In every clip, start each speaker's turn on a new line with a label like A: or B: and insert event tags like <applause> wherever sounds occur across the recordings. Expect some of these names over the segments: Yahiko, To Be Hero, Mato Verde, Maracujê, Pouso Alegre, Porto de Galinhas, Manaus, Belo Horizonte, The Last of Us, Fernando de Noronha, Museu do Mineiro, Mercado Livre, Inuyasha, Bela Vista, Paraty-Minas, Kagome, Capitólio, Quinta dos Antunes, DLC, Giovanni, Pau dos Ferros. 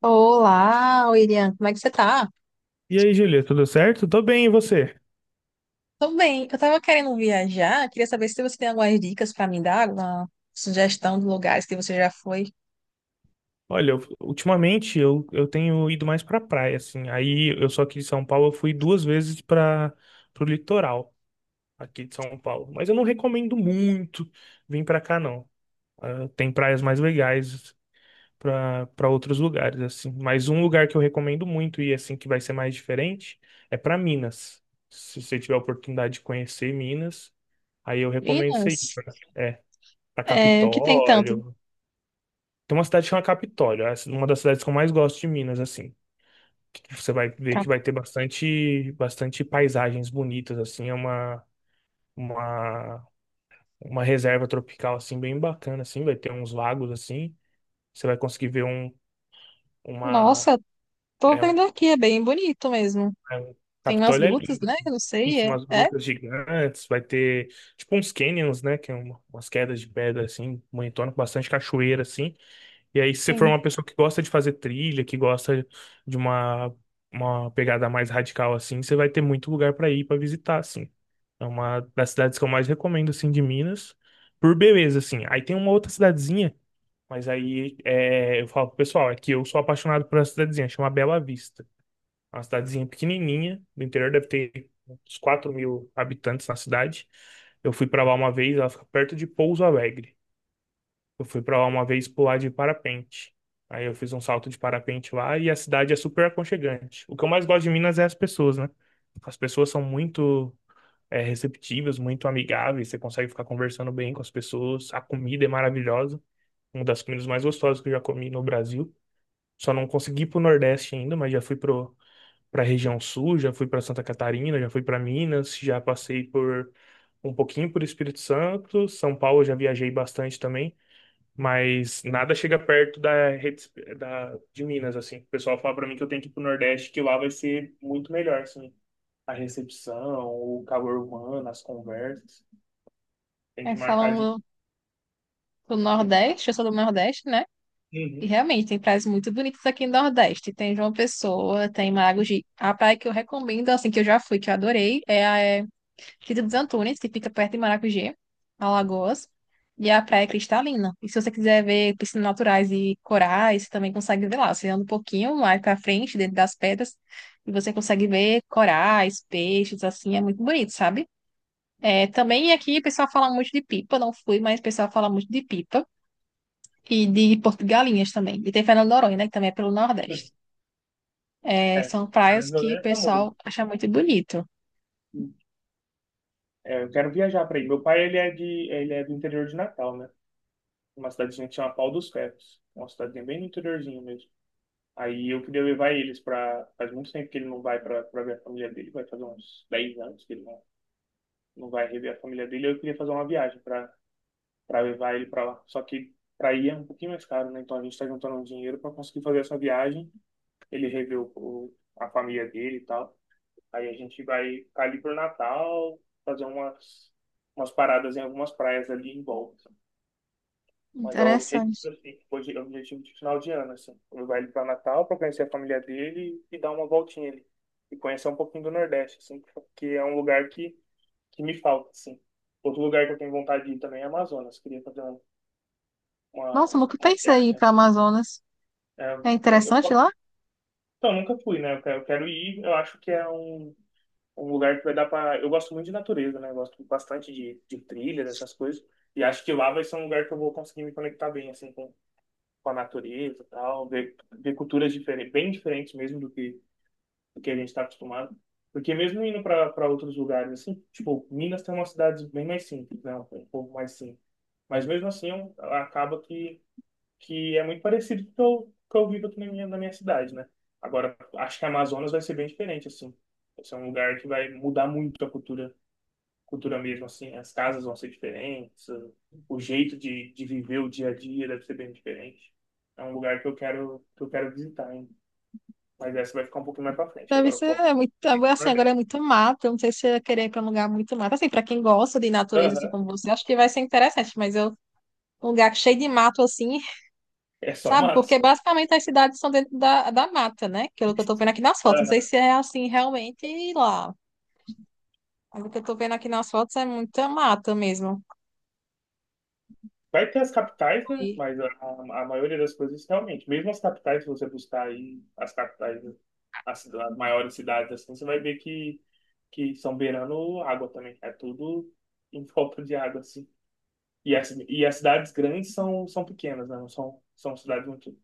A: Olá, William, como é que você tá?
B: E aí, Júlia, tudo certo? Tô bem, e você?
A: Tô bem, eu tava querendo viajar, queria saber se você tem algumas dicas pra me dar, alguma sugestão de lugares que você já foi.
B: Olha, ultimamente eu tenho ido mais pra praia, assim. Aí eu sou aqui de São Paulo, eu fui duas vezes para pro litoral aqui de São Paulo. Mas eu não recomendo muito vir pra cá, não. Ah, tem praias mais legais pra para outros lugares, assim. Mas um lugar que eu recomendo muito e assim que vai ser mais diferente é pra Minas. Se você tiver a oportunidade de conhecer Minas, aí eu recomendo você
A: Minas,
B: ir pra
A: o que tem tanto?
B: Capitólio. Tem uma cidade que chama Capitólio, é uma das cidades que eu mais gosto de Minas, assim. Que você vai ver que
A: Cap-
B: vai ter bastante paisagens bonitas, assim, é uma, uma reserva tropical, assim, bem bacana, assim, vai ter uns lagos, assim, você vai conseguir ver um, uma,
A: Nossa, tô
B: é um,
A: vendo aqui, é bem bonito mesmo.
B: é um-
A: Tem umas
B: Capitólio é
A: grutas,
B: lindo,
A: né?
B: assim.
A: Eu não sei.
B: Isso,
A: É,
B: umas
A: é,
B: grutas gigantes, vai ter, tipo, uns canyons, né, que é umas quedas de pedra, assim, bonitona, com bastante cachoeira, assim. E aí, se você for
A: sim.
B: uma pessoa que gosta de fazer trilha, que gosta de uma pegada mais radical assim, você vai ter muito lugar para ir para visitar, assim. É uma das cidades que eu mais recomendo, assim, de Minas, por beleza, assim. Aí tem uma outra cidadezinha, mas aí é, eu falo pro pessoal, é que eu sou apaixonado por essa cidadezinha, chama Bela Vista. É uma cidadezinha pequenininha, do interior, deve ter uns 4 mil habitantes na cidade. Eu fui para lá uma vez, ela fica perto de Pouso Alegre. Eu fui pra lá uma vez pular de parapente. Aí eu fiz um salto de parapente lá e a cidade é super aconchegante. O que eu mais gosto de Minas é as pessoas, né? As pessoas são muito receptivas, muito amigáveis, você consegue ficar conversando bem com as pessoas. A comida é maravilhosa, uma das comidas mais gostosas que eu já comi no Brasil. Só não consegui ir pro Nordeste ainda, mas já fui pra região Sul, já fui pra Santa Catarina, já fui pra Minas, já passei por um pouquinho por Espírito Santo. São Paulo eu já viajei bastante também. Mas nada chega perto da rede de Minas, assim. O pessoal fala pra mim que eu tenho que ir pro Nordeste, que lá vai ser muito melhor, assim. A recepção, o calor humano, as conversas. Tem
A: É
B: que marcar de.
A: falando do
B: Tem que...
A: Nordeste, eu sou do Nordeste, né? E
B: Uhum.
A: realmente tem praias muito bonitas aqui no Nordeste. Tem João Pessoa, tem Maragogi. A praia que eu recomendo, assim, que eu já fui, que eu adorei, é a Quinta dos Antunes, que fica perto de Maracujê, Alagoas, e a praia é cristalina. E se você quiser ver piscinas naturais e corais, você também consegue ver lá. Você anda um pouquinho mais pra frente, dentro das pedras, e você consegue ver corais, peixes, assim, é muito bonito, sabe? É, também aqui o pessoal fala muito de pipa, não fui, mas o pessoal fala muito de pipa. E de Porto de Galinhas também. E tem Fernando de Noronha, né, que também é pelo Nordeste. É,
B: É,
A: são
B: Fernando
A: praias
B: de
A: que o
B: Noronha é famoso.
A: pessoal acha muito bonito.
B: É, eu quero viajar pra aí. Meu pai, ele ele é do interior de Natal, né? Uma cidadezinha que chama Pau dos Ferros. É uma cidadezinha bem no interiorzinho mesmo. Aí eu queria levar eles pra. Faz muito tempo que ele não vai pra ver a família dele, vai fazer uns 10 anos que ele não vai rever a família dele. Eu queria fazer uma viagem para levar ele para lá. Só que para ir é um pouquinho mais caro, né? Então a gente está juntando um dinheiro para conseguir fazer essa viagem. Ele rever a família dele e tal. Aí a gente vai ficar ali pro Natal, fazer umas paradas em algumas praias ali em volta. Mas é o objetivo,
A: Interessante.
B: assim, hoje é o objetivo de final de ano, assim. Levar ele para Natal para conhecer a família dele e dar uma voltinha ali. E conhecer um pouquinho do Nordeste, assim, porque é um lugar que me falta, assim. Outro lugar que eu tenho vontade de ir também é Amazonas. Queria fazer uma, uma,
A: Nossa, eu nunca
B: uma
A: pensei em ir
B: viagem.
A: para Amazonas.
B: É,
A: É interessante lá?
B: então, eu nunca fui, né? Eu quero ir. Eu acho que é um lugar que vai dar pra. Eu gosto muito de natureza, né? Eu gosto bastante de trilha, dessas coisas. E acho que lá vai ser um lugar que eu vou conseguir me conectar bem, assim, com a natureza e tal. Ver culturas diferentes, bem diferentes mesmo do que a gente está acostumado. Porque mesmo indo para outros lugares, assim, tipo, Minas tem umas cidades bem mais simples, né? Um povo mais simples. Mas mesmo assim, acaba que é muito parecido com o que eu vivo aqui na minha cidade, né? Agora, acho que a Amazonas vai ser bem diferente, assim. Vai ser um lugar que vai mudar muito a cultura, cultura mesmo, assim. As casas vão ser diferentes, o jeito de viver o dia a dia deve ser bem diferente. É um lugar que eu quero visitar, hein? Mas essa vai ficar um pouquinho mais pra frente.
A: Deve
B: Agora eu
A: ser
B: foco
A: muito,
B: no
A: assim, agora é
B: Nordeste.
A: muito mato, eu não sei se eu ia querer ir para um lugar muito mato. Assim, para quem gosta de natureza, assim
B: Aham.
A: como você, acho que vai ser interessante, mas eu, um lugar cheio de mato, assim,
B: É só
A: sabe?
B: mato,
A: Porque
B: só.
A: basicamente as cidades são dentro da mata, né? Que é o que eu tô vendo aqui nas fotos. Não sei
B: <laughs>
A: se é assim realmente lá. Mas o que eu tô vendo aqui nas fotos é muita mata mesmo.
B: Vai ter as capitais, né?
A: E-
B: Mas a maioria das coisas, realmente, mesmo as capitais, se você buscar aí as capitais, né, as maiores cidades, assim, você vai ver que, são beirando água também. É tudo em volta de água, assim. E as cidades grandes são pequenas, né? Não são cidades muito.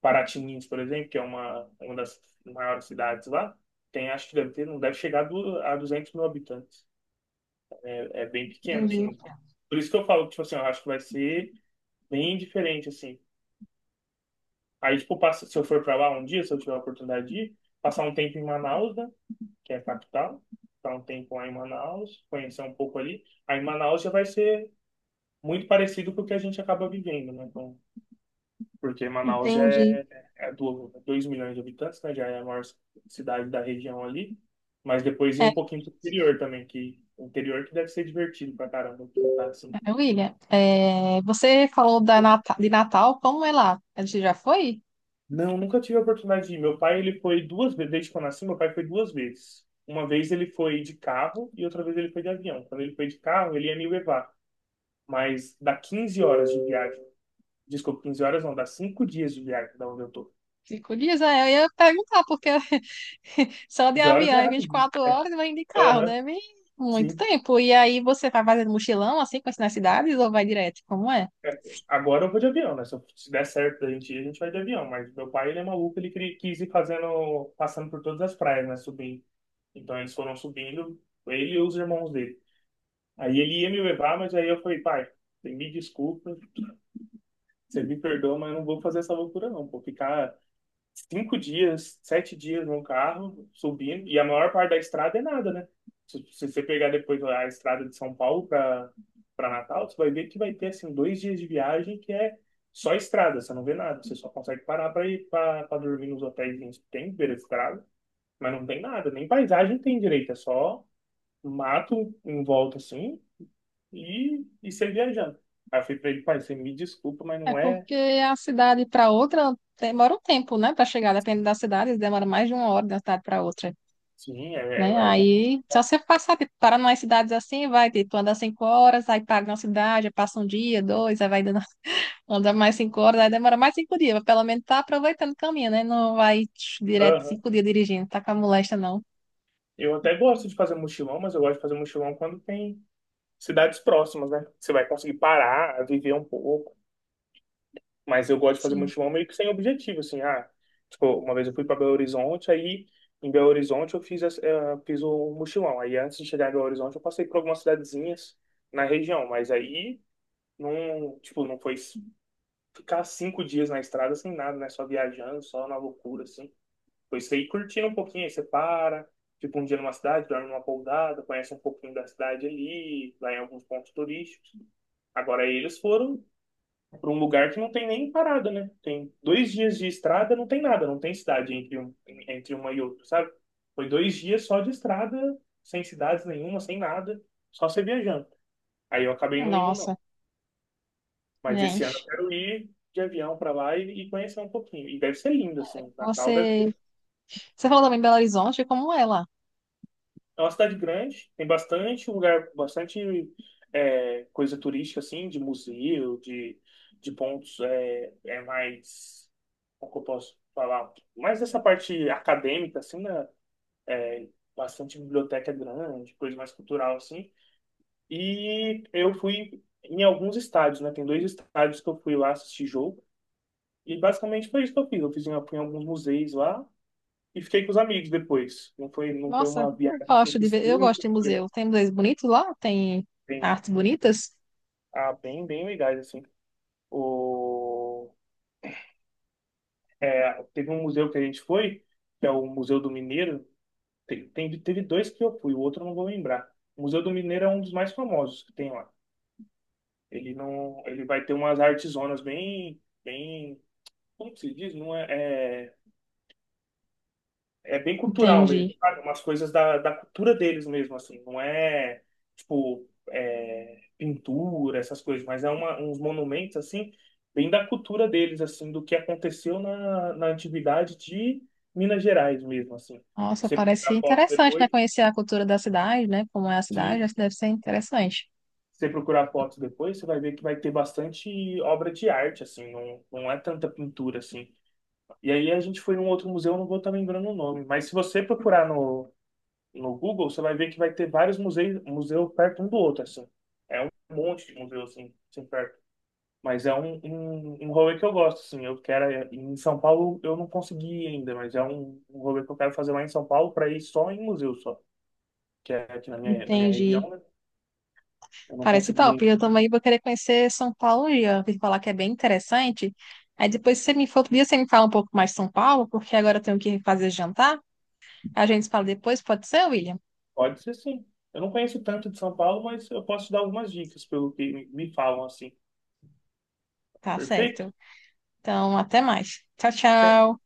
B: Paraty-Minas, por exemplo, que é uma das maiores cidades lá, tem, acho que deve ter, não deve chegar a 200 mil habitantes. É, é bem pequeno,
A: Entendi.
B: assim. Por isso que eu falo, que, tipo assim, eu acho que vai ser bem diferente, assim. Aí, tipo, passa, se eu for pra lá um dia, se eu tiver a oportunidade de ir, passar um tempo em Manaus, né? Que é a capital. Passar um tempo lá em Manaus, conhecer um pouco ali. Aí, Manaus já vai ser muito parecido com o que a gente acaba vivendo, né? Então, porque Manaus já
A: Entendi.
B: é 2 milhões de habitantes, né? Já é a maior cidade da região ali. Mas depois ir um pouquinho pro interior também, que o interior que deve ser divertido pra caramba. Tá assim.
A: É, William, você falou da de Natal, como é lá? Você já foi?
B: Não, nunca tive a oportunidade de ir. Meu pai, ele foi duas vezes, desde que eu nasci, meu pai foi duas vezes. Uma vez ele foi de carro e outra vez ele foi de avião. Quando ele foi de carro, ele ia me levar, mas dá 15 horas de viagem. Desculpa, 15 horas não, dá 5 dias de viagem da onde eu tô.
A: Cinco dias, eu ia perguntar, porque <laughs> só de
B: 15 horas
A: avião
B: é
A: é vinte e
B: rapidinho.
A: quatro
B: É.
A: horas, mas de carro
B: Aham,
A: deve muito
B: sim.
A: tempo. E aí você vai fazendo mochilão, assim, conhecendo as cidades, ou vai direto? Como é?
B: É. Agora eu vou de avião, né? Se se der certo da gente ir, a gente vai de avião. Mas meu pai, ele é maluco, ele quis ir fazendo, passando por todas as praias, né? Subindo. Então eles foram subindo, ele e os irmãos dele. Aí ele ia me levar, mas aí eu falei, pai, me desculpa, você me perdoa, mas eu não vou fazer essa loucura não. Vou ficar 5 dias, 7 dias no carro, subindo, e a maior parte da estrada é nada, né? Se você pegar depois a estrada de São Paulo para Natal, você vai ver que vai ter assim 2 dias de viagem que é só estrada, você não vê nada, você só consegue parar para ir para dormir nos hotéis que tem beira de estrada, mas não tem nada, nem paisagem tem direito, é só mato em volta assim e saí viajando. Aí eu falei pra ele, pai, você me desculpa, mas
A: É
B: não é.
A: porque a cidade para outra demora um tempo, né, para chegar, depende da cidade, demora mais de uma hora de uma cidade para outra,
B: Sim, é,
A: né?
B: é, é bom.
A: Aí, só você passar, tipo, para umas cidades assim, vai, tipo, andar 5 horas, aí para uma cidade, passa um dia, dois, aí vai dando. Anda mais 5 horas, aí demora mais 5 dias, mas pelo menos tá aproveitando o caminho, né? Não vai tch, direto
B: Aham.
A: 5 dias dirigindo, tá com a molesta, não.
B: Eu até gosto de fazer mochilão, mas eu gosto de fazer mochilão quando tem cidades próximas, né? Você vai conseguir parar, viver um pouco. Mas eu gosto de fazer
A: Sim.
B: mochilão meio que sem objetivo, assim. Ah, tipo, uma vez eu fui para Belo Horizonte, aí em Belo Horizonte eu fiz o mochilão. Aí antes de chegar em Belo Horizonte eu passei por algumas cidadezinhas na região, mas aí não, tipo, não foi ficar 5 dias na estrada sem nada, né? Só viajando, só na loucura, assim. Depois você ir curtindo um pouquinho, aí você para, tipo um dia numa cidade, dorme numa pousada, conhece um pouquinho da cidade ali, vai em alguns pontos turísticos. Agora eles foram para um lugar que não tem nem parada, né? Tem 2 dias de estrada, não tem nada, não tem cidade entre uma e outra, sabe? Foi 2 dias só de estrada, sem cidades nenhuma, sem nada, só você viajando. Aí eu acabei não indo, não.
A: Nossa,
B: Mas esse ano eu
A: gente.
B: quero ir de avião para lá e conhecer um pouquinho. E deve ser lindo, assim. Natal deve ser...
A: Você, você falou também em Belo Horizonte, como é lá?
B: É uma cidade grande, tem bastante lugar, bastante coisa turística, assim, de museu, de pontos é mais... Como que eu posso falar? Mais essa parte acadêmica, assim, né? É, bastante biblioteca grande, coisa mais cultural, assim. E eu fui em alguns estádios, né? Tem dois estádios que eu fui lá assistir jogo. E basicamente foi isso que eu fiz. Eu fui em alguns museus lá e fiquei com os amigos depois. Não foi
A: Nossa,
B: uma
A: eu
B: viagem que eu
A: gosto de
B: fiz
A: ver, eu gosto
B: tanto,
A: de
B: foi
A: museu. Tem museus bonitos lá? Tem
B: bem,
A: artes bonitas?
B: bem legais, assim. O, teve um museu que a gente foi, que é o Museu do Mineiro. Teve dois que eu fui, o outro eu não vou lembrar. O Museu do Mineiro é um dos mais famosos que tem lá. Ele não, ele vai ter umas artesonas bem, como que se diz? Não é, é é bem cultural mesmo,
A: Entendi.
B: sabe? Umas coisas da cultura deles mesmo, assim. Não é, tipo, pintura, essas coisas, mas é uns monumentos, assim, bem da cultura deles, assim, do que aconteceu na antiguidade de Minas Gerais mesmo, assim.
A: Nossa,
B: Você
A: parece
B: procurar fotos
A: interessante,
B: depois,
A: né? Conhecer a cultura da cidade, né? Como é a cidade,
B: de
A: acho que deve ser interessante.
B: você procurar fotos depois, você vai ver que vai ter bastante obra de arte, assim, não, não é tanta pintura, assim. E aí a gente foi num outro museu, não vou estar lembrando o nome, mas se você procurar no Google, você vai ver que vai ter vários museus perto um do outro, assim. Um monte de museu, assim, assim perto. Mas é um rolê que eu gosto, assim. Eu quero... Em São Paulo eu não consegui ainda, mas é um rolê que eu quero fazer lá em São Paulo para ir só em museu, só. Que é aqui na minha
A: Entendi.
B: região, né? Eu não
A: Parece
B: consegui
A: top.
B: ainda.
A: Eu também vou querer conhecer São Paulo e eu ouvi falar que é bem interessante. Aí depois, se você me for outro dia, você me fala um pouco mais de São Paulo, porque agora eu tenho que fazer jantar. A gente se fala depois, pode ser, William?
B: Pode ser sim. Eu não conheço tanto de São Paulo, mas eu posso dar algumas dicas pelo que me falam, assim.
A: Tá
B: Perfeito?
A: certo. Então, até mais. Tchau, tchau.